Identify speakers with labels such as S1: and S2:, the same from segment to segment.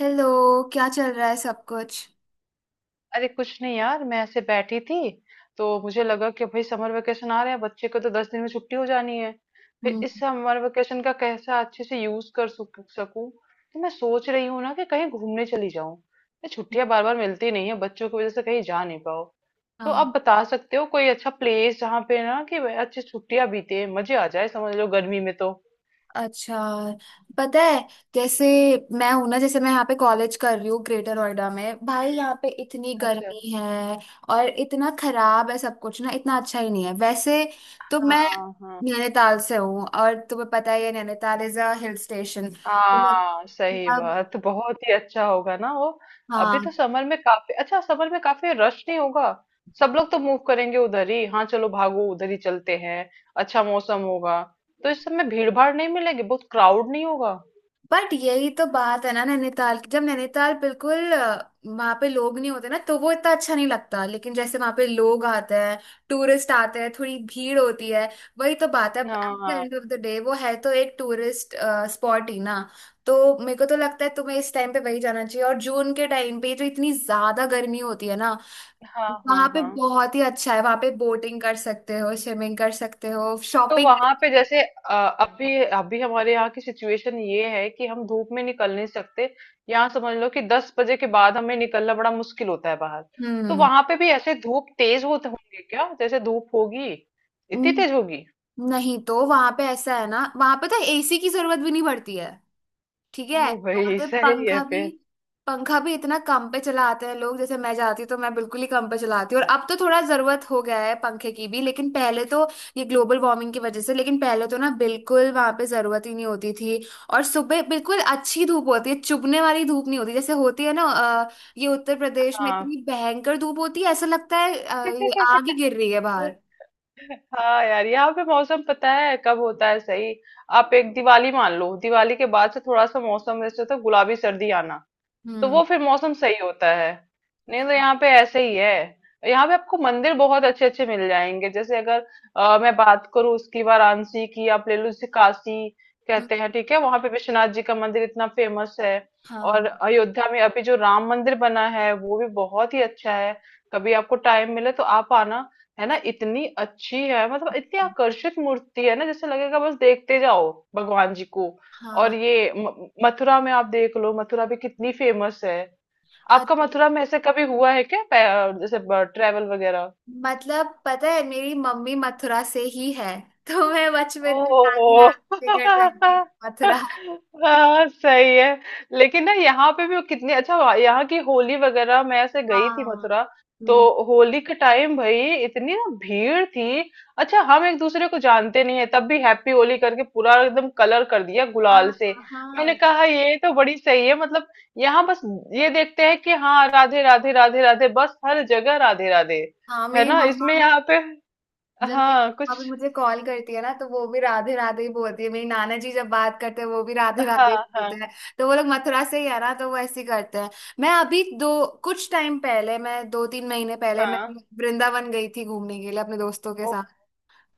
S1: Hello. क्या चल रहा है सब कुछ?
S2: अरे कुछ नहीं यार, मैं ऐसे बैठी थी। तो मुझे लगा कि भाई समर वेकेशन आ रहे हैं, बच्चे को तो 10 दिन में छुट्टी हो जानी है। फिर
S1: हम्म।
S2: इस समर वेकेशन का कैसा अच्छे से यूज कर सकूं। तो मैं सोच रही हूँ ना कि कहीं घूमने चली जाऊं। ये छुट्टियां बार बार मिलती नहीं है, बच्चों की वजह से कहीं जा नहीं पाओ। तो आप
S1: हाँ।
S2: बता सकते हो कोई अच्छा प्लेस जहाँ पे ना कि अच्छी छुट्टियां बीते, मजे आ जाए, समझ लो गर्मी में तो।
S1: अच्छा, पता है जैसे, मैं हूं ना, जैसे मैं यहाँ पे कॉलेज कर रही हूँ ग्रेटर नोएडा में। भाई यहाँ पे इतनी
S2: अच्छा।
S1: गर्मी है और इतना खराब है सब कुछ ना, इतना अच्छा ही नहीं है वैसे। तो मैं
S2: हाँ हाँ।
S1: नैनीताल से हूँ और तुम्हें पता ही है Nainital is a hill station.
S2: हाँ सही
S1: अब
S2: बात, बहुत ही अच्छा होगा ना वो। अभी तो
S1: हाँ,
S2: समर में काफी अच्छा, समर में काफी रश नहीं होगा। सब लोग तो मूव करेंगे उधर ही। हाँ चलो, भागो उधर ही चलते हैं। अच्छा मौसम होगा, तो इस समय भीड़ भाड़ नहीं मिलेगी, बहुत क्राउड नहीं होगा।
S1: बट यही तो बात है ना नैनीताल की। जब नैनीताल बिल्कुल वहां पे लोग नहीं होते ना तो वो इतना अच्छा नहीं लगता, लेकिन जैसे वहां पे लोग आते हैं, टूरिस्ट आते हैं, थोड़ी भीड़ होती है, वही तो बात है। एट
S2: हाँ
S1: द
S2: हाँ।
S1: एंड ऑफ द डे वो है तो एक टूरिस्ट स्पॉट ही ना। तो मेरे को तो लगता है तुम्हें इस टाइम पे वही जाना चाहिए, और जून के टाइम पे जो इतनी ज्यादा गर्मी होती है ना,
S2: हाँ
S1: वहां
S2: हाँ
S1: पे
S2: हाँ।
S1: बहुत ही अच्छा है। वहां पे बोटिंग कर सकते हो, स्विमिंग कर सकते हो,
S2: तो
S1: शॉपिंग।
S2: वहां पे जैसे अभी अभी हमारे यहाँ की सिचुएशन ये है कि हम धूप में निकल नहीं सकते। यहाँ समझ लो कि 10 बजे के बाद हमें निकलना बड़ा मुश्किल होता है बाहर। तो वहां पे भी ऐसे धूप तेज होते होंगे क्या? जैसे धूप होगी इतनी
S1: हम्म।
S2: तेज होगी?
S1: नहीं, तो वहां पे ऐसा है ना, वहां पे तो एसी की जरूरत भी नहीं पड़ती है। ठीक है।
S2: ओ
S1: वहां
S2: भाई
S1: पे
S2: सही है
S1: पंखा भी,
S2: फिर।
S1: पंखा भी इतना कम पे चलाते हैं लोग। जैसे मैं जाती हूँ तो मैं बिल्कुल ही कम पे चलाती हूँ, और अब तो थोड़ा जरूरत हो गया है पंखे की भी, लेकिन पहले तो, ये ग्लोबल वार्मिंग की वजह से, लेकिन पहले तो ना बिल्कुल वहां पे जरूरत ही नहीं होती थी। और सुबह बिल्कुल अच्छी धूप होती है, चुभने वाली धूप नहीं होती, जैसे होती है ना ये उत्तर प्रदेश में।
S2: हाँ।
S1: इतनी भयंकर धूप होती है, ऐसा लगता है ये आग ही गिर रही है बाहर।
S2: हाँ यार, यहाँ पे मौसम पता है कब होता है सही? आप एक दिवाली मान लो, दिवाली के बाद से थोड़ा सा मौसम जैसे तो गुलाबी सर्दी आना, तो
S1: हम्म।
S2: वो फिर मौसम सही होता है। नहीं तो
S1: हाँ,
S2: यहाँ पे ऐसे ही है। यहाँ पे आपको मंदिर बहुत अच्छे अच्छे मिल जाएंगे। जैसे अगर मैं बात करूँ उसकी, वाराणसी की आप ले लो, जैसे काशी
S1: हम्म,
S2: कहते हैं, ठीक है, वहां पे विश्वनाथ जी का मंदिर इतना फेमस है। और
S1: हाँ
S2: अयोध्या में अभी जो राम मंदिर बना है वो भी बहुत ही अच्छा है। कभी आपको टाइम मिले तो आप आना। है ना इतनी अच्छी है, मतलब इतनी आकर्षित मूर्ति है ना, जैसे लगेगा बस देखते जाओ भगवान जी को।
S1: हाँ।
S2: और ये मथुरा में आप देख लो, मथुरा भी कितनी फेमस है।
S1: और
S2: आपका मथुरा में ऐसे कभी हुआ है क्या, जैसे ट्रेवल वगैरह?
S1: मतलब पता है मेरी मम्मी मथुरा से ही है, तो मैं बचपन में नानी
S2: ओ।
S1: नानी के घर जाती थी मथुरा।
S2: हाँ सही है। लेकिन ना यहाँ पे भी वो कितनी अच्छा, यहाँ की होली वगैरह, मैं ऐसे गई थी
S1: हाँ।
S2: मथुरा। तो
S1: हम्म,
S2: होली के टाइम भाई, इतनी ना भीड़ थी। अच्छा, हम एक दूसरे को जानते नहीं है तब भी हैप्पी होली करके पूरा एकदम कलर कर दिया गुलाल
S1: हाँ
S2: से। मैंने
S1: हाँ
S2: कहा ये तो बड़ी सही है, मतलब यहाँ बस ये देखते हैं कि हाँ राधे राधे राधे राधे, बस हर जगह राधे राधे
S1: हाँ।
S2: है
S1: मेरी
S2: ना
S1: मम्मा,
S2: इसमें यहाँ पे।
S1: जब भी
S2: हाँ
S1: मम्मा
S2: कुछ।
S1: भी मुझे कॉल करती है ना तो वो भी राधे राधे ही बोलती है, मेरी नाना जी जब बात करते हैं वो भी राधे
S2: हाँ
S1: राधे ही
S2: हाँ।
S1: बोलते हैं। तो वो लोग मथुरा से ही है ना तो वो ऐसे ही करते हैं। मैं अभी दो कुछ टाइम पहले, मैं दो तीन महीने पहले मैं
S2: हाँ
S1: वृंदावन गई थी घूमने के लिए अपने दोस्तों के
S2: ओह!
S1: साथ।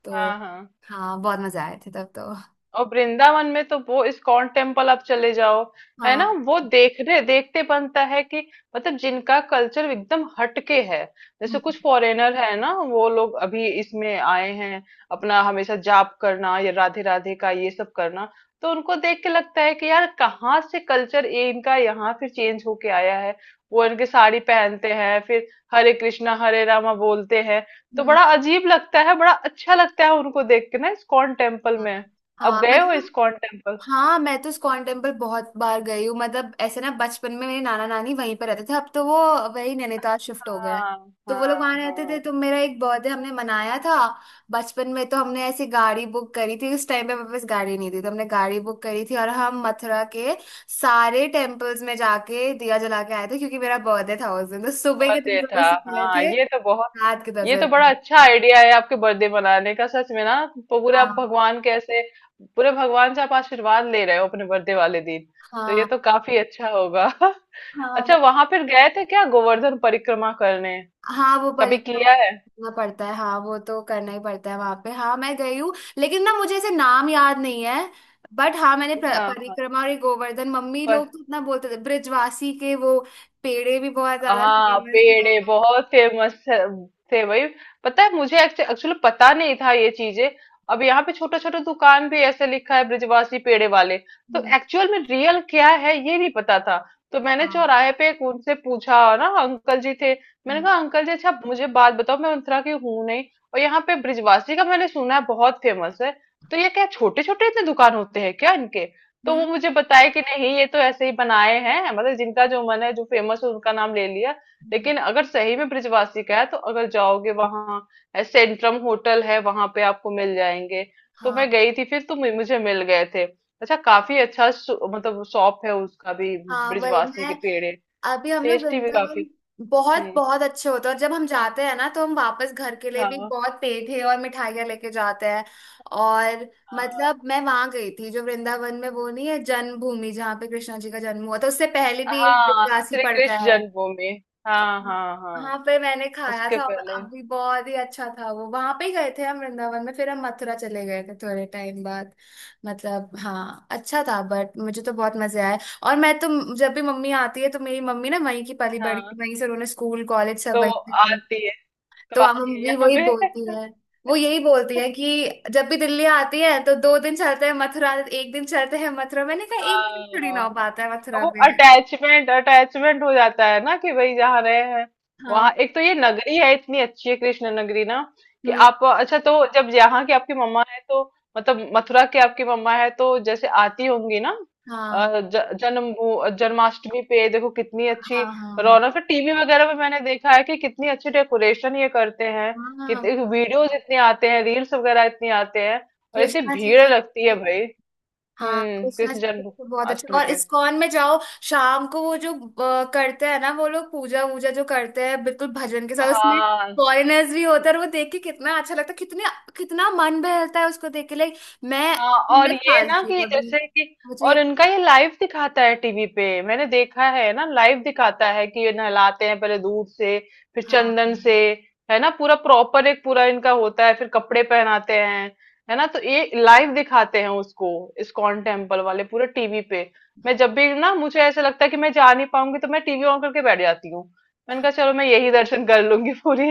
S1: तो
S2: हाँ, हाँ।
S1: हाँ, बहुत मजा आए थे तब तो।
S2: और वृंदावन में तो वो इस्कॉन टेम्पल आप चले जाओ, है ना,
S1: हाँ।
S2: वो देखने देखते बनता है कि मतलब जिनका कल्चर एकदम हटके है, जैसे
S1: हम्म,
S2: कुछ फॉरेनर है ना वो लोग अभी इसमें आए हैं, अपना हमेशा जाप करना या राधे राधे का ये सब करना। तो उनको देख के लगता है कि यार कहाँ से कल्चर ये इनका यहाँ फिर चेंज होके आया है। वो इनके साड़ी पहनते हैं फिर, हरे कृष्णा हरे रामा बोलते हैं। तो
S1: हम्म,
S2: बड़ा अजीब लगता है, बड़ा अच्छा लगता है उनको देख के ना इस्कॉन टेम्पल
S1: हाँ
S2: में। अब
S1: हाँ,
S2: गए हो
S1: मतलब।
S2: ISKCON temple?
S1: हाँ मैं तो इस्कॉन टेम्पल बहुत बार गई हूँ। मतलब ऐसे ना, बचपन में मेरे नाना नानी वहीं पर रहते थे, अब तो वो वही नैनीताल शिफ्ट हो गए।
S2: हाँ
S1: तो
S2: हाँ
S1: वो लोग वहां रहते थे,
S2: हाँ।
S1: तो मेरा एक बर्थडे हमने मनाया था बचपन में, तो हमने ऐसी गाड़ी बुक करी थी, उस टाइम पे मेरे पास गाड़ी नहीं थी, तो हमने गाड़ी बुक करी थी और हम मथुरा के सारे टेम्पल्स में जाके दिया जला के आए थे, क्योंकि मेरा बर्थडे था उस दिन, तो सुबह के टाइम
S2: बर्थडे था,
S1: से गए
S2: हाँ
S1: थे
S2: ये तो बहुत,
S1: रात के दस
S2: ये
S1: बजे
S2: तो बड़ा
S1: तक।
S2: अच्छा आइडिया है आपके बर्थडे मनाने का। सच में ना, तो पूरे आप
S1: हाँ
S2: भगवान के ऐसे, पूरे भगवान से आप आशीर्वाद ले रहे हो अपने बर्थडे वाले दिन, तो ये
S1: हाँ
S2: तो काफी अच्छा होगा।
S1: हाँ।
S2: अच्छा
S1: मतलब
S2: वहां फिर गए थे क्या गोवर्धन परिक्रमा करने,
S1: हाँ वो
S2: कभी
S1: परिक्रमा
S2: किया है?
S1: करना पड़ता है, हाँ वो तो करना ही पड़ता है वहां पे, हाँ मैं गई हूँ। लेकिन ना मुझे ऐसे नाम याद नहीं है, बट हाँ मैंने
S2: हाँ
S1: परिक्रमा, और ये गोवर्धन, मम्मी
S2: हाँ।
S1: लोग तो इतना बोलते थे, ब्रिजवासी के वो पेड़े भी बहुत ज्यादा
S2: हाँ
S1: फेमस है।
S2: पेड़े बहुत फेमस थे भाई। पता है मुझे, एक्चुअली पता नहीं था ये चीजें। अब यहाँ पे छोटा छोटा दुकान भी ऐसे लिखा है ब्रिजवासी पेड़े वाले। तो
S1: हम्म।
S2: एक्चुअल में रियल क्या है ये नहीं पता था। तो मैंने
S1: हाँ।
S2: चौराहे पे एक उनसे पूछा ना, अंकल जी थे। मैंने
S1: हम्म।
S2: कहा अंकल जी अच्छा मुझे बात बताओ, मैं उतरा की हूँ नहीं, और यहाँ पे ब्रिजवासी का मैंने सुना है बहुत फेमस है, तो ये क्या छोटे छोटे इतने दुकान होते हैं क्या इनके? तो वो
S1: हम्म,
S2: मुझे बताए कि नहीं ये तो ऐसे ही बनाए हैं, मतलब जिनका जो मन है, जो फेमस है उनका नाम ले लिया।
S1: हम्म,
S2: लेकिन अगर सही में ब्रिजवासी का है तो अगर जाओगे, वहां सेंट्रम होटल है, वहां पे आपको मिल जाएंगे। तो
S1: हाँ
S2: मैं गई थी फिर, तो मुझे मिल गए थे। अच्छा काफी अच्छा मतलब शॉप है उसका भी,
S1: हाँ। वही
S2: ब्रिजवासी के
S1: मैं,
S2: पेड़े,
S1: अभी हम लोग
S2: टेस्टी भी
S1: वृंदावन,
S2: काफी।
S1: बहुत
S2: हम्म।
S1: बहुत अच्छे होते हैं, और जब हम जाते हैं ना तो हम वापस घर के लिए भी
S2: हाँ
S1: बहुत पेठे और मिठाइयाँ लेके जाते हैं। और
S2: हाँ
S1: मतलब मैं वहां गई थी, जो वृंदावन में वो नहीं है जन्मभूमि जहाँ पे कृष्णा जी का जन्म हुआ था, उससे पहले भी एक
S2: हाँ।
S1: देवदासी
S2: श्री
S1: पड़ता
S2: कृष्ण
S1: है,
S2: जन्मभूमि। हाँ हाँ
S1: वहां
S2: हाँ।
S1: पे मैंने खाया
S2: उसके
S1: था। और
S2: पहले।
S1: अभी बहुत ही अच्छा था वो, वहां पे ही गए थे हम वृंदावन में, फिर हम मथुरा चले गए थे थोड़े टाइम बाद। मतलब हाँ, अच्छा था बट मुझे तो बहुत मजे आए। और मैं तो, जब भी मम्मी आती है तो, मेरी मम्मी ना वहीं की पली बड़ी,
S2: हाँ।
S1: वहीं से उन्होंने स्कूल कॉलेज सब
S2: तो
S1: वहीं
S2: वो
S1: से करे।
S2: आती है,
S1: तो
S2: तो
S1: अब
S2: आती है
S1: मम्मी
S2: यहाँ
S1: वही
S2: पे।
S1: बोलती है, वो यही बोलती है कि जब भी दिल्ली आती है तो दो दिन चलते हैं मथुरा, एक दिन चलते हैं मथुरा, मैंने कहा एक दिन थोड़ी ना
S2: हाँ,
S1: हो पाता है मथुरा
S2: वो
S1: में।
S2: अटैचमेंट अटैचमेंट हो जाता है ना कि भाई जहाँ रहे हैं,
S1: हाँ।
S2: वहां। एक तो ये नगरी है इतनी अच्छी है, कृष्ण नगरी ना, कि
S1: हम्म।
S2: आप अच्छा तो जब यहाँ की आपकी मम्मा है तो, मतलब मथुरा की आपकी मम्मा है तो जैसे आती होंगी ना।
S1: हाँ
S2: जन्म वो, जन्माष्टमी पे देखो कितनी अच्छी
S1: हाँ हाँ
S2: रौनक, टीवी वगैरह में मैंने देखा है कि कितनी अच्छी डेकोरेशन ये करते हैं।
S1: हाँ।
S2: कितने वीडियोज इतने आते हैं, रील्स वगैरह इतने आते हैं, और इतनी
S1: कृष्णा जी
S2: भीड़
S1: का।
S2: लगती है भाई।
S1: हाँ कृष्णा
S2: कृष्ण
S1: जी के तो बहुत अच्छा,
S2: जन्माष्टमी
S1: और
S2: पे।
S1: इस्कॉन में जाओ शाम को, वो जो करते हैं ना वो लोग, पूजा वूजा जो करते हैं बिल्कुल भजन के साथ, उसमें
S2: हाँ
S1: फॉरेनर्स भी होते हैं और वो देख के कितना अच्छा लगता है, कितने, कितना मन बहलता है उसको देख के। लाइक मैं
S2: हाँ और
S1: उन्नीस
S2: ये
S1: साल
S2: ना
S1: की हूँ
S2: कि
S1: अभी,
S2: जैसे कि,
S1: मुझे
S2: और
S1: ये-
S2: इनका ये लाइव दिखाता है टीवी पे, मैंने देखा है ना, लाइव दिखाता है कि ये नहलाते हैं पहले दूध से, फिर
S1: हाँ
S2: चंदन से,
S1: हाँ।
S2: है ना, पूरा प्रॉपर एक पूरा इनका होता है, फिर कपड़े पहनाते हैं, है ना, तो ये लाइव दिखाते हैं उसको, इस्कॉन टेम्पल वाले, पूरे टीवी पे। मैं जब भी ना मुझे ऐसा लगता है कि मैं जा नहीं पाऊंगी तो मैं टीवी ऑन करके बैठ जाती हूँ। मैंने कहा चलो मैं यही दर्शन कर लूंगी पूरी।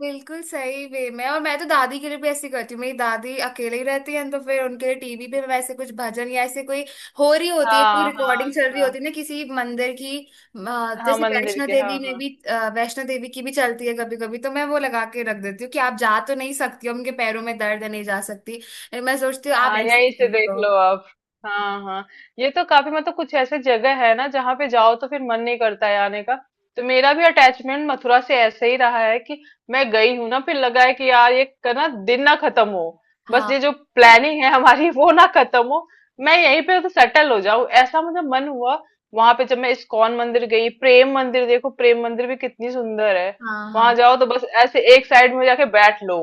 S1: बिल्कुल सही वे में। और मैं तो दादी के लिए भी ऐसी करती हूँ, मेरी दादी अकेले ही रहती है तो फिर उनके लिए टीवी पे
S2: हम्म,
S1: मैं ऐसे कुछ भजन या ऐसे कोई हो रही होती है, कोई
S2: हाँ हाँ
S1: रिकॉर्डिंग चल रही
S2: हाँ।
S1: होती है ना किसी मंदिर की।
S2: हाँ
S1: जैसे
S2: मंदिर
S1: वैष्णो
S2: के, हाँ
S1: देवी में
S2: हाँ।
S1: भी, वैष्णो देवी की भी चलती है कभी कभी, तो मैं वो लगा के रख देती हूँ कि आप जा तो नहीं सकती हो, उनके पैरों में दर्द है नहीं जा सकती, मैं सोचती हूँ आप
S2: हाँ
S1: ऐसे
S2: यहीं
S1: ही
S2: से
S1: करते
S2: देख
S1: हो।
S2: लो आप। हाँ हाँ। ये तो काफी, मतलब कुछ ऐसे जगह है ना जहाँ पे जाओ तो फिर मन नहीं करता है आने का। तो मेरा भी अटैचमेंट मथुरा से ऐसे ही रहा है कि मैं गई हूँ ना, फिर लगा है कि यार ये का ना दिन ना खत्म हो, बस ये
S1: हाँ
S2: जो प्लानिंग है हमारी वो ना खत्म हो, मैं यहीं पे तो सेटल हो जाऊं, ऐसा मुझे मन हुआ। वहां पे जब मैं इस्कॉन मंदिर गई, प्रेम मंदिर देखो, प्रेम मंदिर भी कितनी सुंदर है।
S1: हाँ
S2: वहां
S1: हाँ।
S2: जाओ तो बस ऐसे एक साइड में जाके बैठ लो,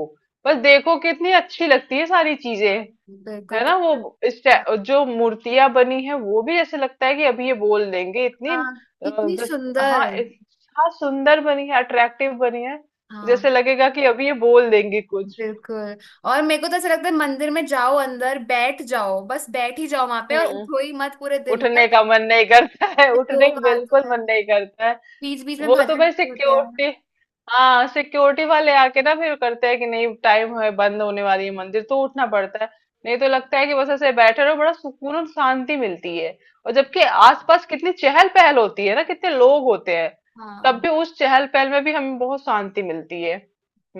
S2: बस देखो कितनी अच्छी लगती है सारी चीजें।
S1: बिल्कुल
S2: है ना वो
S1: कितना-
S2: जो मूर्तियां बनी है वो भी ऐसे लगता है कि अभी ये बोल देंगे, इतनी
S1: हाँ
S2: अ,
S1: कितनी
S2: जो- हाँ
S1: सुंदर।
S2: इतना सुंदर बनी है, अट्रैक्टिव बनी है,
S1: हाँ
S2: जैसे लगेगा कि अभी ये बोल देंगे कुछ।
S1: बिल्कुल। और मेरे को तो ऐसा लगता है मंदिर में जाओ, अंदर बैठ जाओ, बस बैठ ही जाओ वहां पे और
S2: हम्म।
S1: उठो ही मत पूरे दिन
S2: उठने
S1: तक।
S2: का मन नहीं करता है,
S1: फिर
S2: उठने का
S1: लोग
S2: बिल्कुल
S1: आते हैं,
S2: मन नहीं करता है।
S1: बीच बीच में
S2: वो तो
S1: भजन
S2: भाई
S1: भी होता है।
S2: सिक्योरिटी, हाँ सिक्योरिटी वाले आके ना फिर करते हैं कि नहीं टाइम है, बंद होने वाली है मंदिर, तो उठना पड़ता है। नहीं तो लगता है कि बस ऐसे बैठे रहो, बड़ा सुकून और शांति मिलती है। और जबकि आसपास कितनी चहल पहल होती है ना, कितने लोग होते हैं, तब
S1: हाँ।
S2: भी उस चहल पहल में भी हमें बहुत शांति मिलती है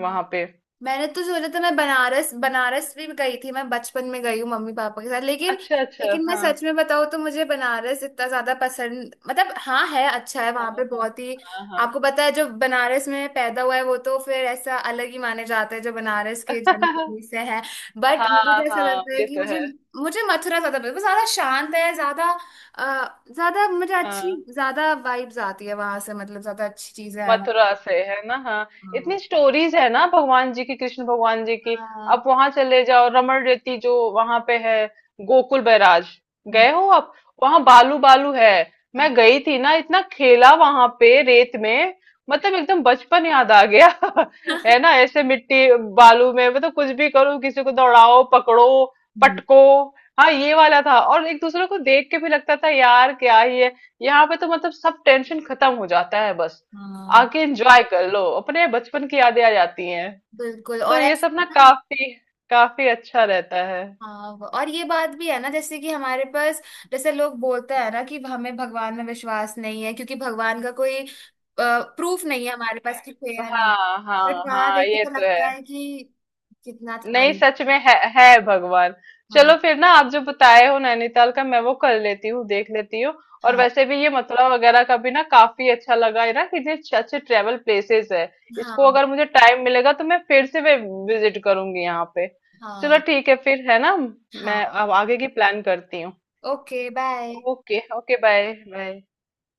S1: हाँ।
S2: पे।
S1: मैंने तो सोचा था, मैं बनारस, बनारस भी गई थी मैं बचपन में, गई हूँ मम्मी पापा के साथ, लेकिन
S2: अच्छा अच्छा।
S1: लेकिन मैं
S2: हाँ
S1: सच में बताऊँ तो मुझे बनारस इतना ज्यादा पसंद, मतलब हाँ है अच्छा है वहां
S2: हाँ
S1: पे
S2: हाँ
S1: बहुत ही,
S2: हाँ। हाँ
S1: आपको पता है जो बनारस में पैदा हुआ है वो तो फिर ऐसा अलग ही माने जाते हैं, जो बनारस के जन्मभूमि से है।
S2: हाँ
S1: बट मुझे तो ऐसा
S2: हाँ,
S1: लगता है
S2: ये
S1: कि
S2: तो है।
S1: मुझे मुझे मथुरा ज्यादा पसंद है। वो ज्यादा शांत है, ज्यादा ज्यादा मुझे अच्छी,
S2: हाँ
S1: ज्यादा वाइब्स आती है वहां से, मतलब ज्यादा अच्छी चीजें हैं
S2: मथुरा से है ना, हाँ।
S1: वहाँ।
S2: इतनी स्टोरीज है ना भगवान जी की, कृष्ण भगवान जी की।
S1: हाँ।
S2: आप वहां चले जाओ, रमण रेती जो वहां पे है, गोकुल बैराज, गए हो आप? वहां बालू बालू है, मैं गई थी ना, इतना खेला वहां पे रेत में, मतलब एकदम बचपन याद आ गया।
S1: हाँ।
S2: है ना ऐसे मिट्टी, बालू में मतलब कुछ भी करो, किसी को दौड़ाओ, पकड़ो,
S1: हम्म,
S2: पटको, हाँ ये वाला था। और एक दूसरे को देख के भी लगता था यार क्या ही है, यहाँ पे तो मतलब सब टेंशन खत्म हो जाता है, बस
S1: हाँ
S2: आके एंजॉय कर लो, अपने बचपन की यादें आ जाती हैं।
S1: बिल्कुल।
S2: तो
S1: और
S2: ये सब
S1: ऐसा
S2: ना
S1: ना,
S2: काफी काफी अच्छा रहता है।
S1: हाँ वो- और ये बात भी है ना जैसे कि हमारे पास, जैसे लोग बोलते हैं ना कि हमें भगवान में विश्वास नहीं है, क्योंकि भगवान का कोई प्रूफ नहीं है हमारे पास कि थे या नहीं,
S2: हाँ
S1: बट
S2: हाँ
S1: वहां
S2: हाँ,
S1: देख के
S2: ये
S1: तो
S2: तो
S1: लगता
S2: है।
S1: है कि कितना था
S2: नहीं
S1: ही।
S2: सच में है भगवान।
S1: हाँ
S2: चलो फिर ना, आप जो बताए हो नैनीताल का मैं वो कर लेती हूँ, देख लेती हूँ। और
S1: हाँ
S2: वैसे भी ये मथुरा वगैरह का भी ना काफी अच्छा लगा है, ना कि इतने अच्छे अच्छे ट्रेवल प्लेसेस है। इसको
S1: हाँ
S2: अगर मुझे टाइम मिलेगा तो मैं फिर से विजिट करूंगी यहाँ पे। चलो
S1: हाँ
S2: ठीक है फिर, है ना। मैं
S1: हाँ।
S2: अब आगे की प्लान करती हूँ।
S1: Okay bye.
S2: Okay okay bye bye.